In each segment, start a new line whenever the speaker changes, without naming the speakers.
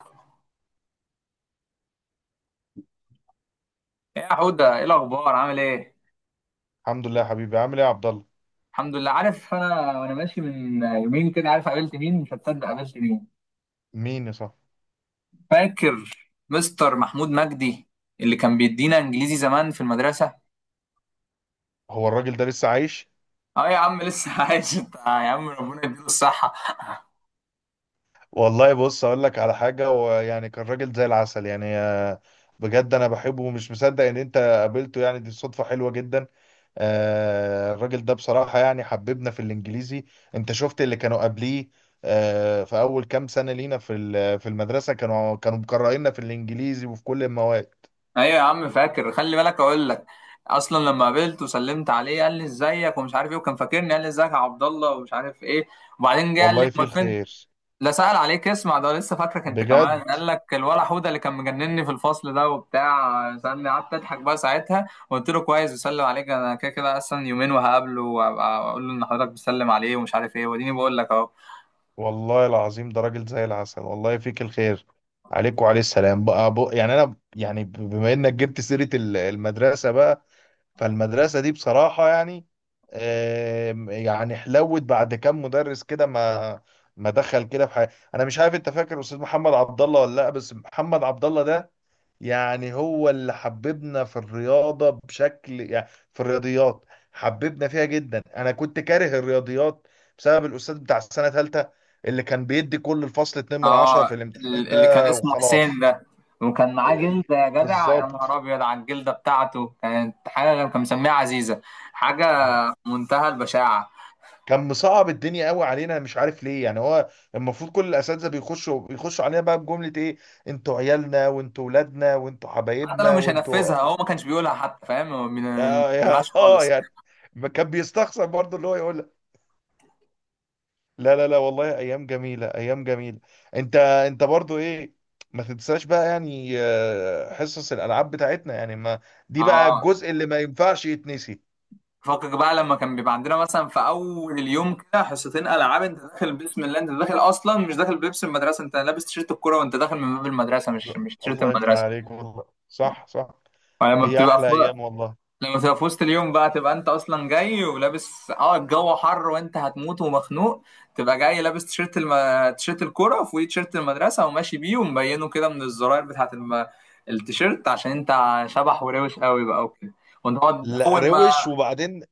ايه، يا حودة، ايه الاخبار؟ عامل ايه؟
الحمد لله يا حبيبي، عامل ايه يا عبد الله؟
الحمد لله. عارف، انا وانا ماشي من يومين كده، عارف قابلت مين؟ مش هتصدق قابلت مين.
مين يا صاحبي؟
فاكر مستر محمود مجدي اللي كان بيدينا انجليزي زمان في المدرسة؟
هو الراجل ده لسه عايش؟
اه يا عم لسه عايش. انت يا عم، ربنا يديله الصحة.
والله بص اقول لك على حاجه. هو يعني كان راجل زي العسل يعني بجد انا بحبه ومش مصدق ان انت قابلته، يعني دي صدفه حلوه جدا. الراجل ده بصراحه يعني حببنا في الانجليزي. انت شفت اللي كانوا قبليه؟ في اول كام سنه لينا في في المدرسه كانوا مكرهيننا في الانجليزي وفي كل المواد.
ايوه يا عم، فاكر، خلي بالك اقول لك. اصلا لما قابلت وسلمت عليه قال لي ازيك ومش عارف ايه، وكان فاكرني، قال لي ازيك يا عبد الله ومش عارف ايه. وبعدين جه قال لي
والله فيه
امال فين.
الخير.
لا، سأل عليك. اسمع، ده لسه فاكرك انت كمان،
بجد.
قال لك الولا حوده اللي كان مجنني في الفصل ده وبتاع، سألني، قعدت اضحك بقى ساعتها وقلت له كويس، بسلم عليك، انا كده كده اصلا يومين وهقابله وابقى اقول له ان حضرتك بتسلم عليه ومش عارف ايه، واديني بقول لك اهو.
والله العظيم ده راجل زي العسل، والله فيك الخير. عليك وعليه السلام بقى. بق يعني انا يعني بما انك جبت سيرة المدرسة بقى، فالمدرسة دي بصراحة يعني يعني حلوت بعد كام مدرس كده، ما ما دخل كده في حياتي. انا مش عارف، انت فاكر استاذ محمد عبد الله ولا لا؟ بس محمد عبد الله ده يعني هو اللي حببنا في الرياضة بشكل يعني، في الرياضيات، حببنا فيها جدا. انا كنت كاره الرياضيات بسبب الاستاذ بتاع السنة ثالثة، اللي كان بيدي كل الفصل 2 من
اه،
10 في الامتحانات
اللي كان
ده
اسمه حسين
وخلاص.
ده، وكان معاه جلده يا جدع. يا
بالظبط.
نهار ابيض على الجلده بتاعته، كانت حاجه كان مسميها عزيزه، حاجه
اه.
منتهى البشاعه.
كان مصعب الدنيا قوي علينا. أنا مش عارف ليه. يعني هو المفروض كل الاساتذه بيخشوا علينا بقى بجمله ايه: انتوا عيالنا وانتوا ولادنا وانتوا
حتى لو
حبايبنا
مش
وانتوا.
هنفذها هو ما كانش بيقولها حتى، فاهم؟ ما
اه، يا
بيقولهاش
اه،
خالص.
يعني ما كان بيستخسر برضه اللي هو يقول. لا لا لا، والله ايام جميله، ايام جميله. انت برضو ايه؟ ما تنساش بقى، يعني حصص الالعاب بتاعتنا يعني ما، دي بقى
اه،
الجزء اللي ما ينفعش يتنسي.
فكك بقى. لما كان بيبقى عندنا مثلا في اول اليوم كده حصتين العاب، انت داخل بسم الله، انت داخل اصلا مش داخل بلبس المدرسه، انت لابس تيشيرت الكوره وانت داخل من باب المدرسه، مش
لا،
مش تيشيرت
الله يفتح
المدرسه.
عليك، والله صح صح.
فلما
هي
بتبقى في
احلى ايام والله.
لما بتبقى في وسط اليوم بقى، تبقى انت اصلا جاي ولابس، الجو حر وانت هتموت ومخنوق، تبقى جاي لابس تيشيرت الكوره وفوقيه تيشيرت المدرسه، وماشي بيه ومبينه كده من الزراير بتاعت التيشيرت عشان انت شبح وروش قوي بقى وكده، وانت تقعد
لا،
اول ما.
روش وبعدين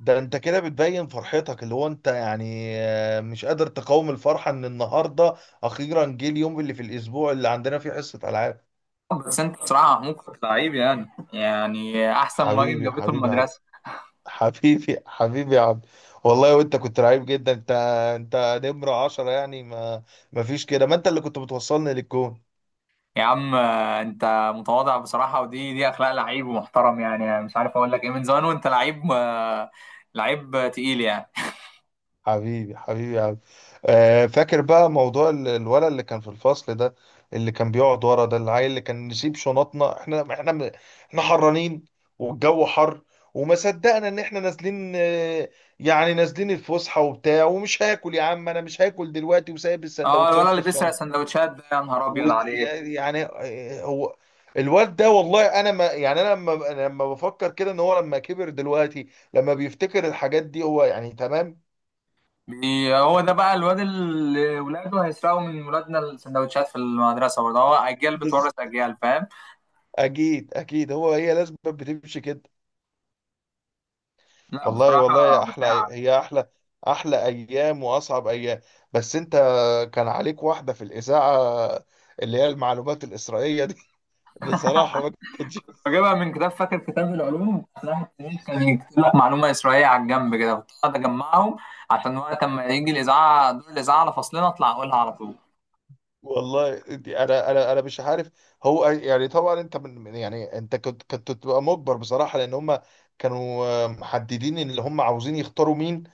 ده انت كده بتبين فرحتك، اللي هو انت يعني مش قادر تقاوم الفرحه ان النهارده اخيرا جه اليوم اللي في الاسبوع اللي عندنا فيه حصه العاب.
بس انت بصراحة، محمود، كنت لعيب يعني احسن مهاجم
حبيبي
جابته
حبيبي.
المدرسة.
حبيبي حبيبي يا عبد. والله وانت كنت رعيب جدا انت، انت نمرة عشرة يعني، ما ما فيش كده، ما انت اللي كنت بتوصلني للجون.
يا عم، انت متواضع بصراحة، ودي دي اخلاق لعيب ومحترم، يعني مش عارف اقول لك ايه، من زمان وانت لعيب، لعيب تقيل يعني.
حبيبي حبيبي يا عبد. فاكر بقى موضوع الولد اللي كان في الفصل ده، اللي كان بيقعد ورا ده، العيل اللي كان نسيب شنطنا. احنا احنا حرانين والجو حر، وما صدقنا ان احنا نازلين. يعني نازلين الفسحة وبتاع، ومش هاكل، يا عم انا مش هاكل دلوقتي، وسايب
اه، الولد
السندوتشات في
اللي بيسرق
الشنطة.
سندوتشات ده، يا نهار ابيض عليك.
يعني، هو الواد ده، والله انا ما يعني، انا لما بفكر كده ان هو لما كبر دلوقتي، لما بيفتكر الحاجات دي، هو يعني تمام؟
هو ده بقى الواد اللي ولاده هيسرقوا من ولادنا السندوتشات في المدرسة برضه، هو اجيال
بز...
بتورث اجيال، فاهم؟
اكيد اكيد، هو هي لازم بتمشي كده.
لا
والله والله
بصراحة
يا احلى،
بشاعة.
هي احلى، احلى ايام واصعب ايام. بس انت كان عليك واحده في الاذاعه، اللي هي المعلومات الاسرائيليه دي. بصراحه ما كانتش.
بجيبها من كتاب، فاكر كتاب العلوم، راح التاريخ كان يكتب لك معلومة إسرائيلية على الجنب كده، كنت أقعد أجمعهم عشان وقت ما يجي الإذاعة، دور الإذاعة على فصلنا، أطلع أقولها على طول.
والله دي انا انا مش عارف. هو يعني طبعا انت يعني انت كنت تبقى مجبر بصراحه، لان هم كانوا محددين ان اللي هم عاوزين يختاروا مين.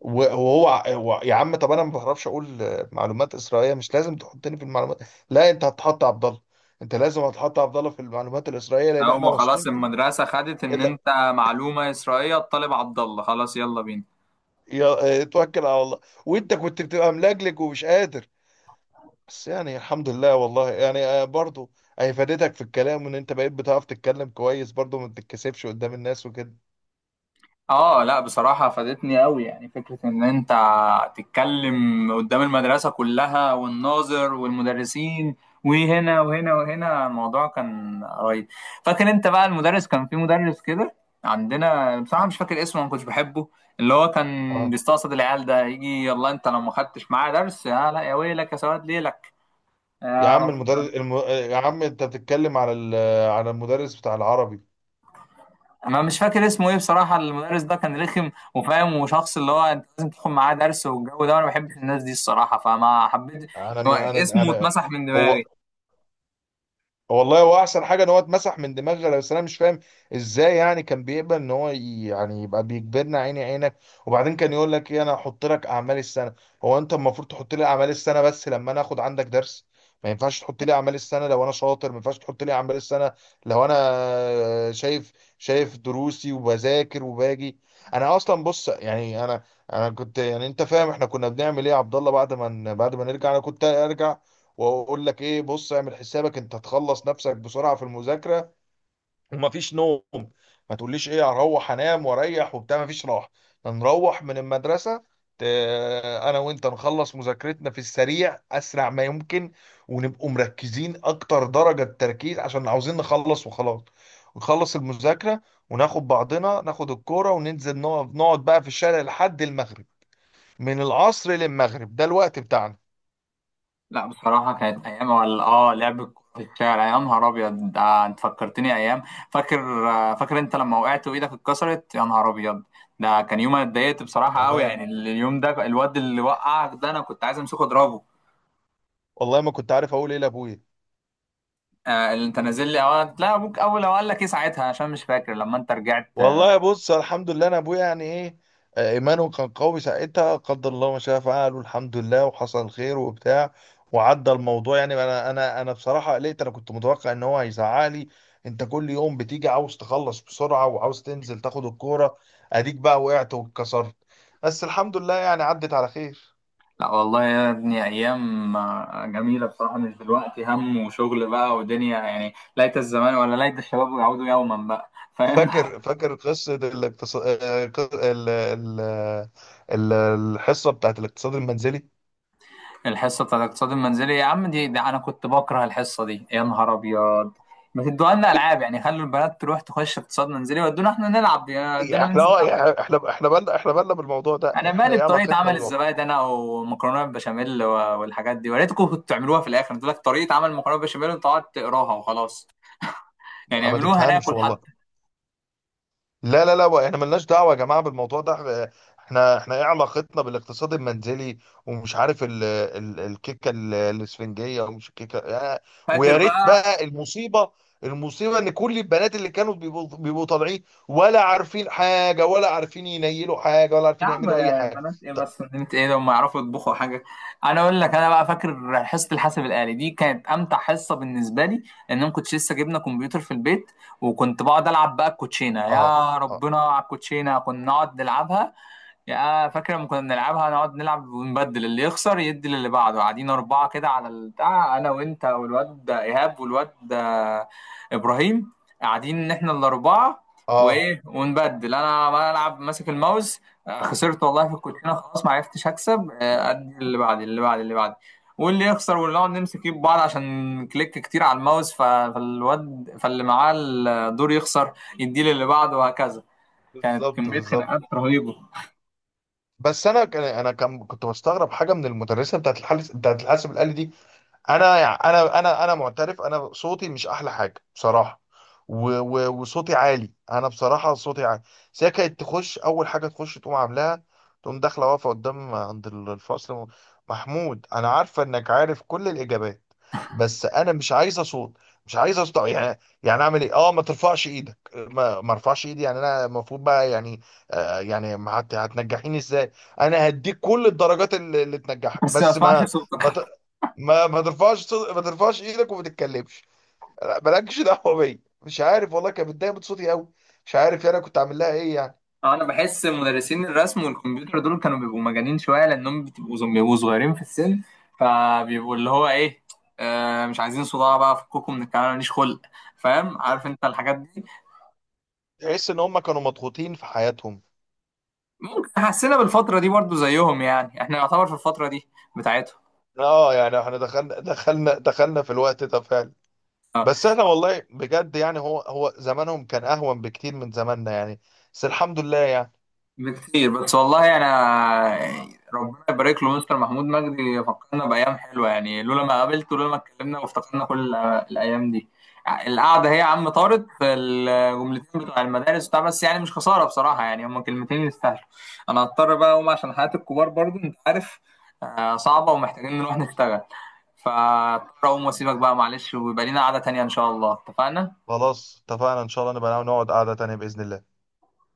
وهو يا عم، طب انا ما بعرفش اقول معلومات اسرائيليه، مش لازم تحطني في المعلومات. لا، انت هتحط عبد الله، انت لازم هتحط عبد الله في المعلومات الاسرائيليه لان احنا
هو
واثقين
خلاص
فيه.
المدرسة خدت إن
إلا-
أنت معلومة إسرائيلية، الطالب عبد الله خلاص، يلا بينا.
يا توكل على الله. وانت كنت بتبقى ملجلج ومش قادر. بس يعني الحمد لله والله، يعني برضو هي فادتك في الكلام، وان انت بقيت بتعرف تتكلم كويس برضو، ما بتتكسفش قدام الناس وكده.
اه، لا بصراحة فادتني قوي. يعني فكرة ان انت تتكلم قدام المدرسة كلها، والناظر والمدرسين، وهنا وهنا وهنا، الموضوع كان رهيب. فاكر انت بقى المدرس؟ كان في مدرس كده عندنا، بصراحة مش فاكر اسمه، ما كنتش بحبه، اللي هو كان
اه،
بيستقصد العيال ده، يجي يلا انت لو ما خدتش معاه درس، يا لا يا ويلك يا سواد ليلك.
يا
يا
عم
رب.
المدرس يا عم انت بتتكلم على على المدرس بتاع العربي.
ما مش فاكر اسمه ايه بصراحة، المدرس ده كان رخم وفاهم وشخص اللي هو انت لازم تاخد معاه درس، والجو ده، وانا ما بحبش الناس دي الصراحة، فما حبيت
انا
يعني،
انا
اسمه
انا
اتمسح من
هو،
دماغي.
والله هو احسن حاجه ان هو اتمسح من دماغنا. بس انا مش فاهم ازاي، يعني كان بيقبل ان هو يعني يبقى بيجبرنا عيني عينك؟ وبعدين كان يقول لك ايه؟ انا هحط لك اعمال السنه. هو انت المفروض تحط لي اعمال السنه بس لما انا اخد عندك درس؟ ما ينفعش تحط لي اعمال السنه لو انا شاطر، ما ينفعش تحط لي اعمال السنه لو انا شايف، شايف دروسي وبذاكر وباجي. انا اصلا بص يعني، انا كنت يعني، انت فاهم احنا كنا بنعمل ايه يا عبد الله بعد ما نرجع؟ انا كنت ارجع واقول لك ايه، بص اعمل حسابك، انت تخلص نفسك بسرعه في المذاكره ومفيش نوم. ما تقوليش ايه، هروح انام واريح وبتاع، مفيش راحه. نروح من المدرسه، ت- انا وانت نخلص مذاكرتنا في السريع، اسرع ما يمكن، ونبقوا مركزين اكتر درجه تركيز عشان عاوزين نخلص وخلاص. ونخلص المذاكره وناخد بعضنا، ناخد الكوره وننزل نقعد بقى في الشارع لحد المغرب. من العصر للمغرب، ده الوقت بتاعنا.
لا بصراحة كانت ايام، ولا لعب الكورة في الشارع يا نهار ابيض. ده انت فكرتني ايام. فاكر انت لما وقعت وايدك اتكسرت يا نهار ابيض. ده كان يوم انا اتضايقت بصراحة قوي،
والله.
يعني اليوم ده الواد اللي وقعك ده انا كنت عايز امسكه اضربه.
والله ما كنت عارف اقول ايه لابويا.
اللي انت نازل لي لا، ابوك اول لو قال لك ايه ساعتها، عشان مش فاكر لما انت رجعت.
والله بص الحمد لله، انا ابويا يعني ايه، ايمانه كان قوي ساعتها. قدر الله ما شاء فعل، والحمد لله وحصل خير وبتاع، وعدى الموضوع. يعني انا انا بصراحه قلقت، انا كنت متوقع ان هو هيزعلي، انت كل يوم بتيجي عاوز تخلص بسرعه وعاوز تنزل تاخد الكوره، اديك بقى وقعت واتكسرت. بس الحمد لله يعني عدت على خير.
لا والله يا ابني، ايام جميله بصراحه، مش دلوقتي هم وشغل بقى ودنيا، يعني ليت الزمان ولا ليت الشباب يعودوا يوما بقى، فاهم؟
فاكر فاكر قصه الاقتصاد، ال... ال... الحصه بتاعت الاقتصاد المنزلي.
الحصه بتاعت الاقتصاد المنزلي يا عم، دي انا كنت بكره الحصه دي يا نهار ابيض. ما تدوها لنا العاب، يعني خلوا البنات تروح تخش اقتصاد منزلي ودونا احنا نلعب، ودونا
يعني احنا،
ننزل
اه
نلعب.
يعني احنا بالنا، احنا بالنا بالموضوع ده،
انا
احنا
مالي
ايه
بطريقه
علاقتنا
عمل
بالموضوع؟
الزبادي انا ومكرونه بالبشاميل والحاجات دي، وريتكم كنتوا تعملوها في الاخر؟ تقول لك طريقه عمل مكرونه بالبشاميل وانت تقعد تقراها وخلاص، يعني
ما
اعملوها
تفهمش
ناكل
والله.
حتى.
لا لا لا، احنا ملناش دعوه يا جماعه بالموضوع ده. احنا احنا ايه علاقتنا بالاقتصاد المنزلي؟ ومش عارف ال الكيكه الاسفنجيه، ومش الكيكه
فاكر
ويا ريت
بقى.
بقى. المصيبه، المصيبه ان كل البنات اللي كانوا بيبقوا طالعين، ولا عارفين حاجه، ولا عارفين ينيلوا حاجه، ولا
يا
عارفين
عم،
يعملوا اي حاجه.
بنات ايه
طب.
بس، بنات ايه لما يعرفوا يطبخوا حاجه. انا اقول لك انا بقى، فاكر حصه الحاسب الالي دي، كانت امتع حصه بالنسبه لي. ان انا كنت لسه جبنا كمبيوتر في البيت، وكنت بقعد العب بقى الكوتشينه،
اه.
يا
اه.
ربنا على الكوتشينه كنا نقعد نلعبها. يا فاكر لما كنا بنلعبها، نقعد نلعب ونبدل اللي يخسر يدي للي بعده، قاعدين أربعة كده على البتاع، أنا وأنت والواد ده إيهاب والواد ده إبراهيم، قاعدين إن إحنا الأربعة.
اه.
وإيه، ونبدل أنا ما ألعب ماسك الماوس، خسرت والله في الكوتشينة، خلاص ما عرفتش أكسب، أدي اللي بعدي اللي بعدي اللي بعدي، واللي يخسر، واللي نقعد نمسك ايد بعض عشان كليك كتير على الماوس، ف- فالواد فاللي معاه الدور يخسر يديه للي بعده وهكذا. كانت
بالظبط
كمية
بالظبط.
خناقات رهيبة.
بس انا انا كان كنت بستغرب حاجه من المدرسه بتاعت الحاسب، بتاعت الحاسب الالي دي. انا يعني انا معترف، انا صوتي مش احلى حاجه بصراحه. و وصوتي عالي، انا بصراحه صوتي عالي. بس هي كانت تخش، اول حاجه تخش تقوم عاملاها، تقوم داخله واقفه قدام عند الفصل: محمود انا عارفه انك عارف كل الاجابات، بس انا مش عايزه صوت. مش عايزه صوت. يعني اعمل ايه؟ اه، ما ترفعش ايدك. ما ارفعش ايدي يعني؟ انا المفروض بقى يعني يعني ما هتنجحيني ازاي؟ انا هديك كل الدرجات اللي تنجحك،
بس ما
بس
اسمعش
ما ما ت-
صوتك.
ما ترفعش ما ترفعش ايدك، وما تتكلمش. لا، مالكش دعوه بيا. مش عارف والله، كانت متضايقه من صوتي قوي. مش عارف يعني انا كنت عامل لها ايه يعني.
انا بحس مدرسين الرسم والكمبيوتر دول كانوا بيبقوا مجانين شويه، لانهم بيبقوا صغيرين في السن، فبيبقوا اللي هو ايه، مش عايزين صداع بقى، فكوكوا من الكلام، ماليش خلق، فاهم؟ عارف انت الحاجات دي.
تحس ان هم كانوا مضغوطين في حياتهم.
ممكن حسينا بالفتره دي برضو زيهم، يعني احنا نعتبر في الفتره دي بتاعتهم.
اه يعني احنا دخلنا دخلنا في الوقت ده فعلا. بس احنا والله بجد يعني هو زمانهم كان اهون بكتير من زماننا يعني. بس الحمد لله يعني.
بكتير. بس والله انا، ربنا يبارك له مستر محمود مجدي فكرنا بايام حلوه. يعني لولا ما قابلته، لولا ما اتكلمنا وافتكرنا كل الايام دي. القعده هي يا عم طارت في الجملتين بتوع المدارس بتاع، بس يعني مش خساره بصراحه، يعني هما كلمتين يستاهلوا. انا هضطر بقى اقوم عشان حياه الكبار برضو انت عارف، صعبه، ومحتاجين نروح نشتغل. فاضطر اقوم واسيبك بقى معلش، ويبقى لينا قعده تانيه ان شاء الله. اتفقنا؟
خلاص اتفقنا، ان شاء الله نبقى نقعد قعدة تانية بإذن الله.